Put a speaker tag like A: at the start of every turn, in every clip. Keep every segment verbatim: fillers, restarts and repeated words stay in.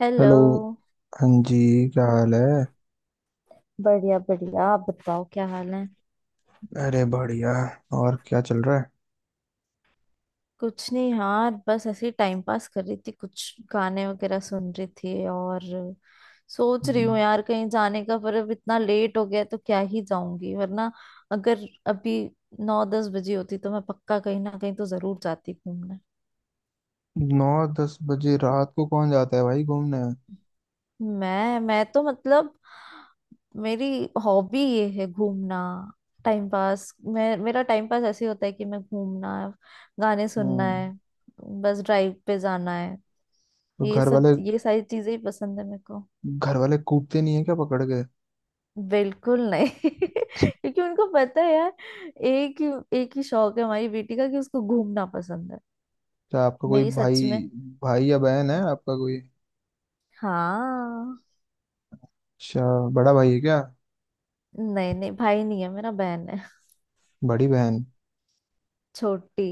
A: Hello.
B: Hello. हाँ जी। क्या हाल है?
A: बढ़िया बढ़िया, आप बताओ क्या हाल है।
B: अरे बढ़िया। और क्या चल रहा है?
A: कुछ नहीं यार, बस ऐसे ही टाइम पास कर रही थी, कुछ गाने वगैरह सुन रही थी और सोच रही
B: हम्म।
A: हूँ यार कहीं जाने का, पर अब इतना लेट हो गया है, तो क्या ही जाऊंगी, वरना अगर अभी नौ दस बजे होती तो मैं पक्का कहीं ना कहीं तो जरूर जाती घूमने।
B: नौ दस बजे रात को कौन जाता है भाई घूमने?
A: मैं मैं तो मतलब मेरी हॉबी ये है घूमना। टाइम पास, मैं मेरा टाइम पास ऐसे ही होता है कि मैं घूमना है, गाने सुनना
B: हम्म।
A: है, बस ड्राइव पे जाना है,
B: तो
A: ये
B: घर
A: सब
B: वाले
A: ये सारी चीजें ही पसंद है मेरे को।
B: घर वाले कूटते नहीं है क्या पकड़ के?
A: बिल्कुल नहीं। क्योंकि उनको पता है यार एक ही एक ही शौक है हमारी बेटी का कि उसको घूमना पसंद है।
B: क्या आपका कोई
A: मेरी सच
B: भाई
A: में।
B: भाई या बहन है आपका कोई?
A: हाँ।
B: अच्छा। बड़ा भाई है क्या?
A: नहीं नहीं, भाई नहीं है मेरा, बहन है।
B: बड़ी बहन?
A: छोटी।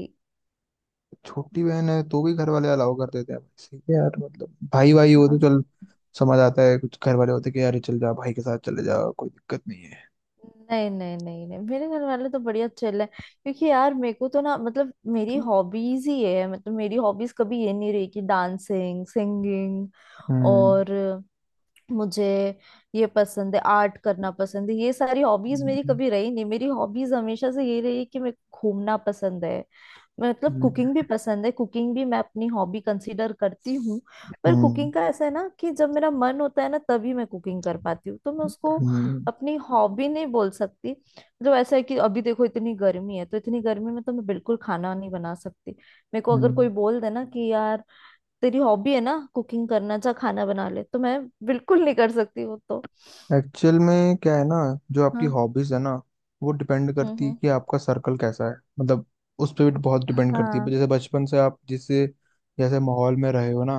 B: छोटी बहन है तो भी घर वाले अलाउ कर देते हैं, भाई सही है यार। मतलब भाई भाई हो तो
A: हाँ।
B: चल, समझ आता है। कुछ घर वाले होते हैं कि यार, ये चल जा भाई के साथ चले जा, कोई दिक्कत नहीं है।
A: नहीं नहीं नहीं नहीं, मेरे घर वाले तो बढ़िया चिल है, क्योंकि यार मेरे को तो ना, मतलब मेरी हॉबीज ही है, मतलब मेरी हॉबीज कभी ये नहीं रही कि डांसिंग, सिंगिंग और मुझे ये पसंद है, आर्ट करना पसंद है। ये सारी हॉबीज मेरी
B: हम्म,
A: कभी रही नहीं। मेरी हॉबीज हमेशा से ये रही है कि मैं घूमना पसंद है। मतलब कुकिंग भी पसंद है, कुकिंग भी मैं अपनी हॉबी कंसीडर करती हूँ। पर
B: हम्म,
A: कुकिंग का ऐसा है ना कि जब मेरा मन होता है ना, तभी मैं कुकिंग कर पाती हूँ, तो मैं उसको
B: हम्म।
A: अपनी हॉबी नहीं बोल सकती। मतलब ऐसा है कि अभी देखो इतनी गर्मी है, तो इतनी गर्मी में तो मैं बिल्कुल खाना नहीं बना सकती। मेरे को अगर कोई बोल दे ना कि यार तेरी हॉबी है ना कुकिंग करना, जा खाना बना ले, तो मैं बिल्कुल नहीं कर सकती वो तो।
B: एक्चुअल में क्या है ना, जो आपकी
A: हाँ।
B: हॉबीज है ना, वो डिपेंड
A: हम्म
B: करती है
A: हम्म।
B: कि आपका सर्कल कैसा है। मतलब उस पर भी बहुत डिपेंड करती है।
A: हाँ
B: जैसे बचपन से आप जिससे जैसे माहौल में रहे हो ना,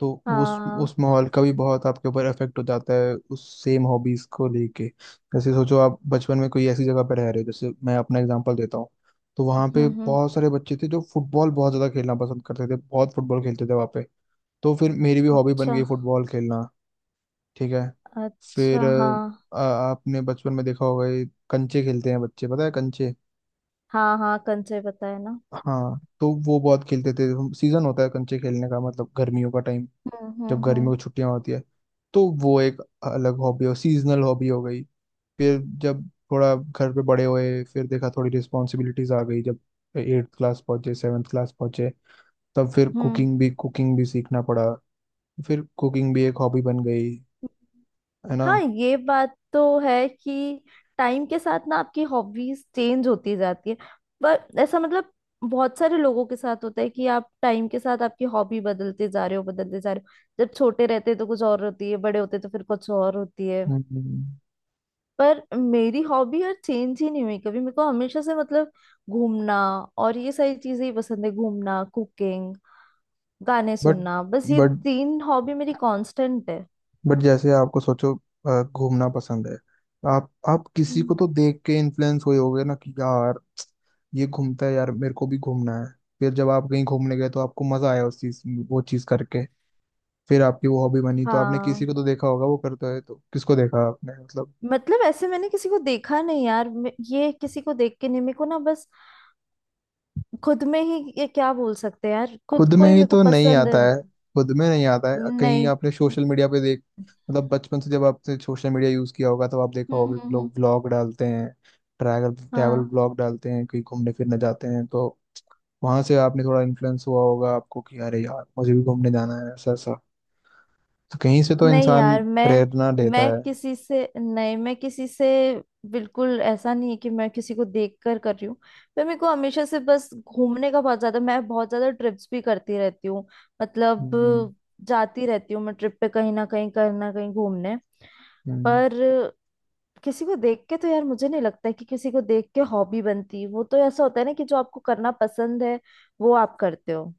B: तो उस
A: हाँ।
B: उस माहौल का भी बहुत आपके ऊपर इफेक्ट हो जाता है उस सेम हॉबीज को लेके। जैसे सोचो, आप बचपन में कोई ऐसी जगह पर रह रहे हो, जैसे मैं अपना एग्जांपल देता हूँ, तो वहाँ पे
A: हम्म हम्म।
B: बहुत सारे बच्चे थे जो फुटबॉल बहुत ज़्यादा खेलना पसंद करते थे, बहुत फुटबॉल खेलते थे वहाँ पे, तो फिर मेरी भी हॉबी बन
A: अच्छा।
B: गई फुटबॉल खेलना। ठीक है। फिर
A: अच्छा हाँ।
B: अ, आपने बचपन में देखा होगा ये, कंचे खेलते हैं बच्चे, पता है? कंचे।
A: हाँ हाँ, कंचे बताया ना।
B: हाँ, तो वो बहुत खेलते थे हम। सीजन होता है कंचे खेलने का, मतलब गर्मियों का टाइम।
A: हम्म
B: जब
A: हम्म
B: गर्मियों
A: हम्म
B: की छुट्टियां होती है, तो वो एक अलग हॉबी हो, सीजनल हॉबी हो गई। फिर जब थोड़ा घर पे बड़े हुए, फिर देखा थोड़ी रिस्पॉन्सिबिलिटीज आ गई, जब एट्थ क्लास पहुंचे सेवन्थ क्लास पहुंचे, तब फिर
A: हम्म।
B: कुकिंग भी कुकिंग भी सीखना पड़ा। फिर कुकिंग भी एक हॉबी बन गई, है ना?
A: हाँ, ये बात तो है कि टाइम के साथ ना आपकी हॉबीज चेंज होती जाती है। पर ऐसा, मतलब बहुत सारे लोगों के साथ होता है कि आप टाइम के साथ आपकी हॉबी बदलते जा रहे हो, बदलते जा रहे हो, जब छोटे रहते तो कुछ और होती है, बड़े होते तो फिर कुछ और होती है।
B: हम्म, हम्म।
A: पर मेरी हॉबी यार चेंज ही नहीं हुई कभी। मेरे को हमेशा से, मतलब घूमना और ये सारी चीजें ही पसंद है, घूमना, कुकिंग, गाने
B: बट
A: सुनना, बस ये
B: बट
A: तीन हॉबी मेरी कांस्टेंट है।
B: बट जैसे आपको सोचो, अ, घूमना पसंद है, तो आप आप किसी
A: हम्म।
B: को तो देख के इन्फ्लुएंस हुए होगे ना कि यार, ये घूमता है यार, मेरे को भी घूमना है। फिर जब आप कहीं घूमने गए तो आपको मजा आया उस चीज वो चीज करके, फिर आपकी वो हॉबी बनी। तो आपने किसी
A: हाँ,
B: को तो देखा होगा वो करता है, तो किसको देखा आपने, मतलब?
A: मतलब ऐसे मैंने किसी को देखा नहीं यार, मे- ये किसी को देख के नहीं, मेरे को ना बस खुद में ही ये, क्या बोल सकते हैं यार, खुद
B: खुद
A: को
B: में
A: ही
B: ही
A: मेरे को
B: तो नहीं
A: पसंद
B: आता
A: है।
B: है। खुद में नहीं आता है, कहीं
A: नहीं।
B: आपने सोशल मीडिया पे देख, मतलब बचपन से जब आपने सोशल मीडिया यूज किया होगा तो आप देखा
A: हम्म हम्म
B: होगा कि
A: हम्म,
B: लोग ब्लॉग डालते हैं, ट्रैवल ट्रैवल
A: हाँ।
B: ब्लॉग डालते हैं, कहीं घूमने फिरने जाते हैं, तो वहां से आपने थोड़ा इन्फ्लुएंस हुआ होगा आपको कि अरे यार, मुझे भी घूमने जाना है ऐसा ऐसा। तो कहीं से तो
A: नहीं
B: इंसान
A: यार, मैं
B: प्रेरणा
A: मैं
B: लेता है।
A: किसी से नहीं, मैं किसी से बिल्कुल ऐसा नहीं है कि मैं किसी को देख कर कर रही हूँ। पर मेरे को हमेशा से बस घूमने का बहुत ज्यादा मैं बहुत ज्यादा ट्रिप्स भी करती रहती हूँ, मतलब
B: हम्म,
A: जाती रहती हूँ मैं ट्रिप पे कहीं ना कहीं कहीं ना कहीं घूमने।
B: हम्म,
A: पर किसी को देख के तो यार मुझे नहीं लगता है कि किसी को देख के हॉबी बनती, वो तो ऐसा होता है ना कि जो आपको करना पसंद है वो आप करते हो,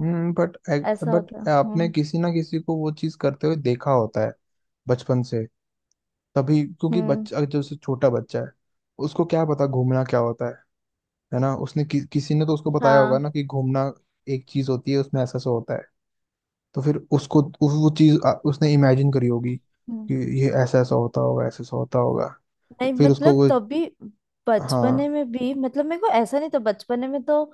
B: हम्म। बट
A: ऐसा होता है।
B: बट आपने
A: हम्म
B: किसी ना किसी को वो चीज करते हुए देखा होता है बचपन से, तभी। क्योंकि
A: हम्म।
B: बच्चा, अगर जैसे छोटा बच्चा है, उसको क्या पता घूमना क्या होता है। है ना? उसने कि, किसी ने तो उसको बताया होगा
A: हाँ।
B: ना कि घूमना एक चीज होती है, उसमें ऐसा ऐसा होता है। तो फिर उसको उस, वो चीज आ, उसने इमेजिन करी होगी
A: हम्म।
B: कि ये ऐसा ऐसा होता होगा, ऐसा ऐसा होता होगा।
A: नहीं,
B: फिर उसको
A: मतलब
B: वो।
A: तब भी, बचपने
B: हाँ।
A: में भी, मतलब मेरे को ऐसा नहीं था बचपने में तो,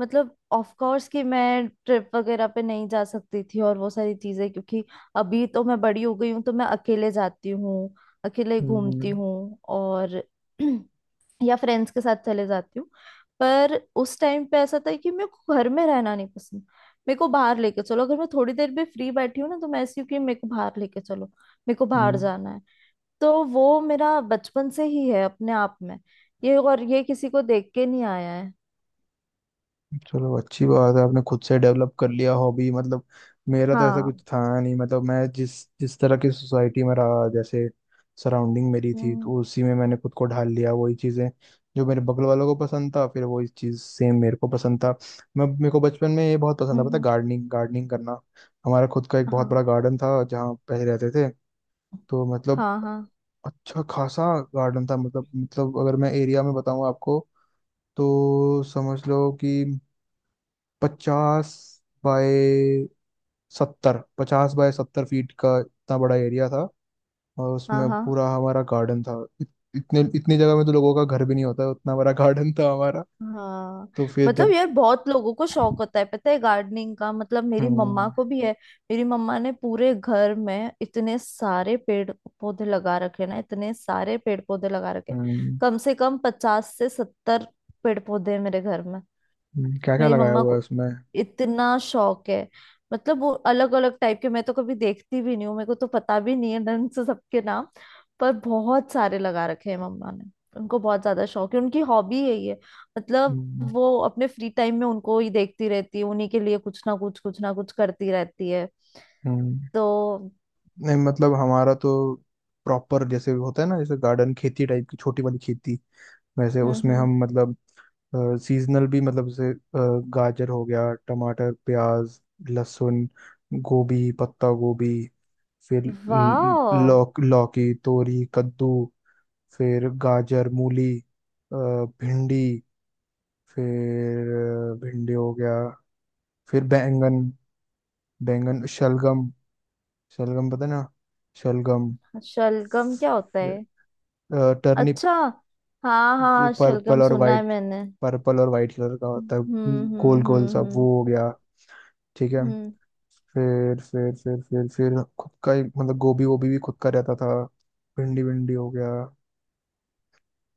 A: मतलब ऑफ कोर्स कि मैं ट्रिप वगैरह पे नहीं जा सकती थी और वो सारी चीजें, क्योंकि अभी तो मैं बड़ी हो गई हूँ, तो मैं अकेले जाती हूँ, अकेले घूमती
B: हम्म,
A: हूँ और या फ्रेंड्स के साथ चले जाती हूँ। पर उस टाइम पे ऐसा था कि मेरे को घर में रहना नहीं पसंद, मेरे को बाहर लेके चलो। अगर मैं थोड़ी देर भी फ्री बैठी हूँ ना, तो मैं ऐसी हूँ कि मेरे को बाहर लेके चलो, मेरे को बाहर
B: हम्म।
A: जाना है। तो वो मेरा बचपन से ही है अपने आप में, ये, और ये किसी को देख के नहीं आया है।
B: चलो अच्छी बात है, आपने खुद से डेवलप कर लिया हॉबी। मतलब मेरा तो ऐसा
A: हाँ।
B: कुछ था नहीं, मतलब मैं जिस जिस तरह की सोसाइटी में रहा, जैसे सराउंडिंग मेरी थी,
A: हम्म
B: तो उसी में मैंने खुद को ढाल लिया। वही चीज़ें जो मेरे बगल वालों को पसंद था, फिर वही चीज़ सेम मेरे को पसंद था। मैं मेरे को बचपन में ये बहुत पसंद
A: हम्म
B: था, पता है?
A: हम्म,
B: गार्डनिंग, गार्डनिंग करना। हमारा खुद का एक बहुत
A: हाँ
B: बड़ा गार्डन था जहाँ पहले रहते थे, तो मतलब
A: हाँ हाँ।
B: अच्छा खासा गार्डन था। मतलब मतलब अगर मैं एरिया में बताऊँ आपको, तो समझ लो कि पचास बाय सत्तर पचास बाय सत्तर फीट का इतना बड़ा एरिया था, और
A: हाँ
B: उसमें
A: हाँ
B: पूरा हमारा गार्डन था। इत, इतने इतनी जगह में तो लोगों का घर भी नहीं होता है, उतना बड़ा गार्डन था हमारा।
A: हाँ।
B: तो फिर
A: मतलब
B: जब।
A: यार बहुत लोगों को शौक होता है पता है गार्डनिंग का, मतलब मेरी मम्मा
B: हम्म,
A: को भी है। मेरी मम्मा ने पूरे घर में इतने सारे पेड़ पौधे लगा रखे ना, इतने सारे पेड़ पौधे लगा रखे,
B: हम्म।
A: कम से कम पचास से सत्तर पेड़ पौधे हैं मेरे घर में।
B: क्या क्या
A: मेरी
B: लगाया
A: मम्मा
B: हुआ है
A: को
B: उसमें?
A: इतना शौक है, मतलब वो अलग अलग टाइप के, मैं तो कभी देखती भी नहीं हूँ, मेरे को तो पता भी नहीं है ढंग से सबके नाम, पर बहुत सारे लगा रखे हैं मम्मा ने। उनको बहुत ज्यादा शौक है, उनकी हॉबी है ये। मतलब
B: हम्म,
A: वो अपने फ्री टाइम में उनको ही देखती रहती है, उन्हीं के लिए कुछ ना कुछ कुछ ना कुछ करती रहती है,
B: हम्म।
A: तो।
B: नहीं, मतलब हमारा तो प्रॉपर जैसे होता है ना, जैसे गार्डन, खेती टाइप की, छोटी वाली खेती, वैसे
A: हम्म
B: उसमें
A: हम्म।
B: हम, मतलब सीजनल भी, मतलब जैसे अ, गाजर हो गया, टमाटर, प्याज, लहसुन, गोभी, पत्ता गोभी, फिर ल-
A: वाह।
B: लौक लौकी, तोरी, कद्दू, फिर गाजर, मूली, अ, भिंडी, फिर अ, भिंडी हो गया, फिर बैंगन, बैंगन, शलगम, शलगम, पता है ना शलगम?
A: शलगम क्या होता है?
B: अ, टर्निप।
A: अच्छा। हाँ
B: वो
A: हाँ, शलगम
B: पर्पल और
A: सुना है
B: वाइट,
A: मैंने।
B: पर्पल और वाइट कलर का होता है,
A: हम्म
B: गोल
A: हम्म
B: गोल सा,
A: हम्म
B: वो
A: हम्म
B: हो गया। ठीक है।
A: हम्म।
B: फिर फिर फिर फिर फिर खुद का ही, मतलब गोभी वोभी भी खुद का रहता था, भिंडी भिंडी हो गया।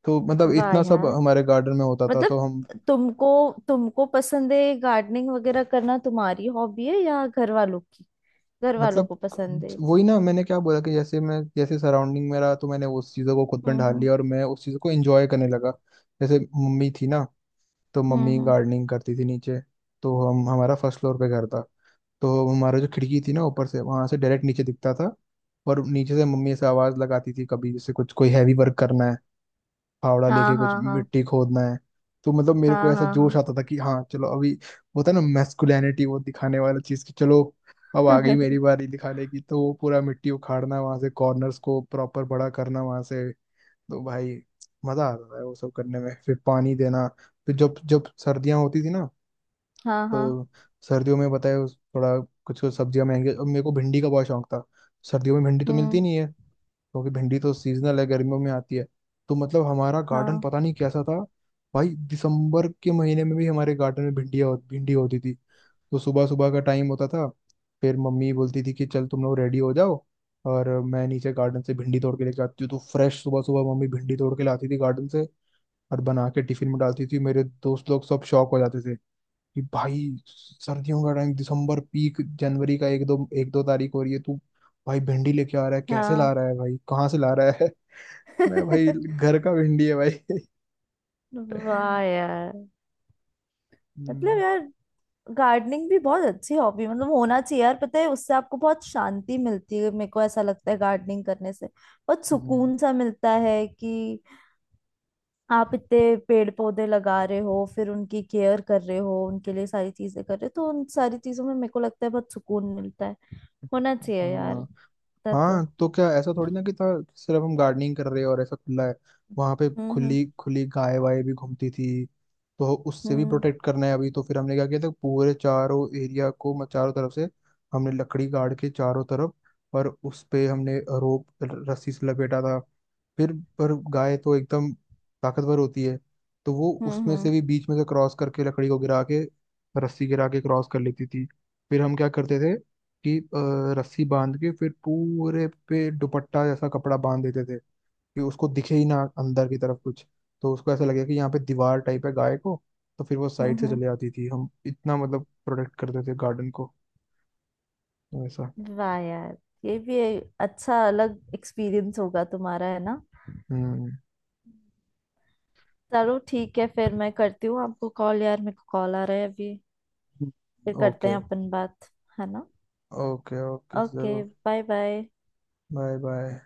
B: तो मतलब
A: वाह
B: इतना सब
A: यार,
B: हमारे गार्डन में होता था तो
A: मतलब
B: हम,
A: तुमको तुमको पसंद है गार्डनिंग वगैरह करना, तुम्हारी हॉबी है या घर वालों की, घर वालों
B: मतलब
A: को पसंद है?
B: वही ना मैंने क्या बोला कि जैसे मैं, जैसे सराउंडिंग में रहा, तो मैंने उस चीज़ों को खुद में
A: हम्म
B: ढाल
A: हम्म
B: लिया और मैं उस चीज़ों को एंजॉय करने लगा। जैसे मम्मी थी ना, तो
A: हम्म
B: मम्मी
A: हम्म।
B: गार्डनिंग करती थी नीचे, तो हम हमारा फर्स्ट फ्लोर पे घर था, तो हमारा जो खिड़की थी ना ऊपर, से वहां से डायरेक्ट नीचे दिखता था, और नीचे से मम्मी ऐसे आवाज लगाती थी कभी, जैसे कुछ कोई हैवी वर्क करना है, फावड़ा
A: हाँ
B: लेके कुछ
A: हाँ हाँ
B: मिट्टी खोदना है, तो मतलब मेरे को
A: हाँ
B: ऐसा
A: हाँ
B: जोश
A: हाँ।
B: आता था कि हाँ चलो अभी। वो था ना मैस्कुलिनिटी वो दिखाने वाला चीज की, चलो अब आ गई मेरी बारी दिखाने की, तो वो पूरा मिट्टी उखाड़ना वहां से, कॉर्नर्स को प्रॉपर बड़ा करना वहां से, तो भाई मजा आता था वो सब करने में, फिर पानी देना। फिर जब जब सर्दियां होती थी ना,
A: हाँ हाँ।
B: तो सर्दियों में बताए उस- थोड़ा कुछ कुछ सब्जियां महंगी, अब मेरे को भिंडी का बहुत शौक था। सर्दियों में भिंडी तो मिलती
A: हम्म।
B: नहीं है, क्योंकि भिंडी तो सीजनल है, गर्मियों में आती है। तो मतलब हमारा गार्डन
A: हाँ
B: पता नहीं कैसा था भाई, दिसंबर के महीने में भी हमारे गार्डन में भिंडिया भिंडी होती थी। तो सुबह सुबह का टाइम होता था, फिर मम्मी बोलती थी कि चल तुम लोग रेडी हो जाओ, और मैं नीचे गार्डन से भिंडी तोड़ के लेके आती हूँ, तो फ्रेश सुबह सुबह मम्मी भिंडी तोड़ के लाती थी गार्डन से, और बना के टिफिन में डालती थी। मेरे दोस्त लोग सब शौक हो जाते थे कि भाई सर्दियों का टाइम, दिसंबर पीक, जनवरी का एक दो एक दो तारीख हो रही है, तू भाई भिंडी लेके आ रहा है, कैसे ला
A: हाँ।
B: रहा है भाई, कहाँ से ला रहा है? मैं, भाई घर का भिंडी है भाई।
A: वाह यार। मतलब
B: हम्म,
A: यार गार्डनिंग भी बहुत अच्छी हॉबी, मतलब होना चाहिए यार, पता है उससे आपको बहुत शांति मिलती है। मेरे को ऐसा लगता है गार्डनिंग करने से बहुत
B: हम्म।
A: सुकून सा मिलता है कि आप इतने पेड़ पौधे लगा रहे हो, फिर उनकी केयर कर रहे हो, उनके लिए सारी चीजें कर रहे हो, तो उन सारी चीजों में मेरे को लगता है बहुत सुकून मिलता है, होना चाहिए यार
B: हाँ
A: इतना तो।
B: हाँ, तो क्या ऐसा थोड़ी ना कि था सिर्फ हम गार्डनिंग कर रहे हैं और ऐसा खुला है? वहां पे
A: हम्म हम्म
B: खुली खुली गाय वाय भी घूमती थी, तो उससे भी
A: हम्म
B: प्रोटेक्ट करना है। अभी तो फिर हमने क्या किया था, पूरे चारों एरिया को म- चारों तरफ से हमने लकड़ी गाड़ के चारों तरफ, पर उस पे हमने रोप, रस्सी से लपेटा था। फिर, पर गाय तो एकदम ताकतवर होती है, तो वो
A: हम्म
B: उसमें
A: हम्म
B: से भी बीच में से क्रॉस करके, लकड़ी को गिरा के, रस्सी गिरा के क्रॉस कर लेती थी। फिर हम क्या करते थे कि अ, रस्सी बांध के, फिर पूरे पे दुपट्टा जैसा कपड़ा बांध देते थे कि उसको दिखे ही ना अंदर की तरफ कुछ, तो उसको ऐसा लगे कि यहाँ पे दीवार टाइप है गाय को। तो फिर वो
A: हम्म,
B: साइड से
A: हम्म।
B: चले आती थी। हम इतना मतलब प्रोटेक्ट करते थे गार्डन को, ऐसा।
A: वाह यार, ये भी एक अच्छा अलग एक्सपीरियंस होगा तुम्हारा, है ना?
B: हम्म।
A: चलो ठीक है, फिर मैं करती हूँ आपको कॉल यार, मेरे को कॉल आ रहा है अभी, फिर करते
B: ओके।
A: हैं अपन बात, है ना?
B: Okay okay
A: okay.
B: जरूर।
A: Bye bye.
B: Bye bye.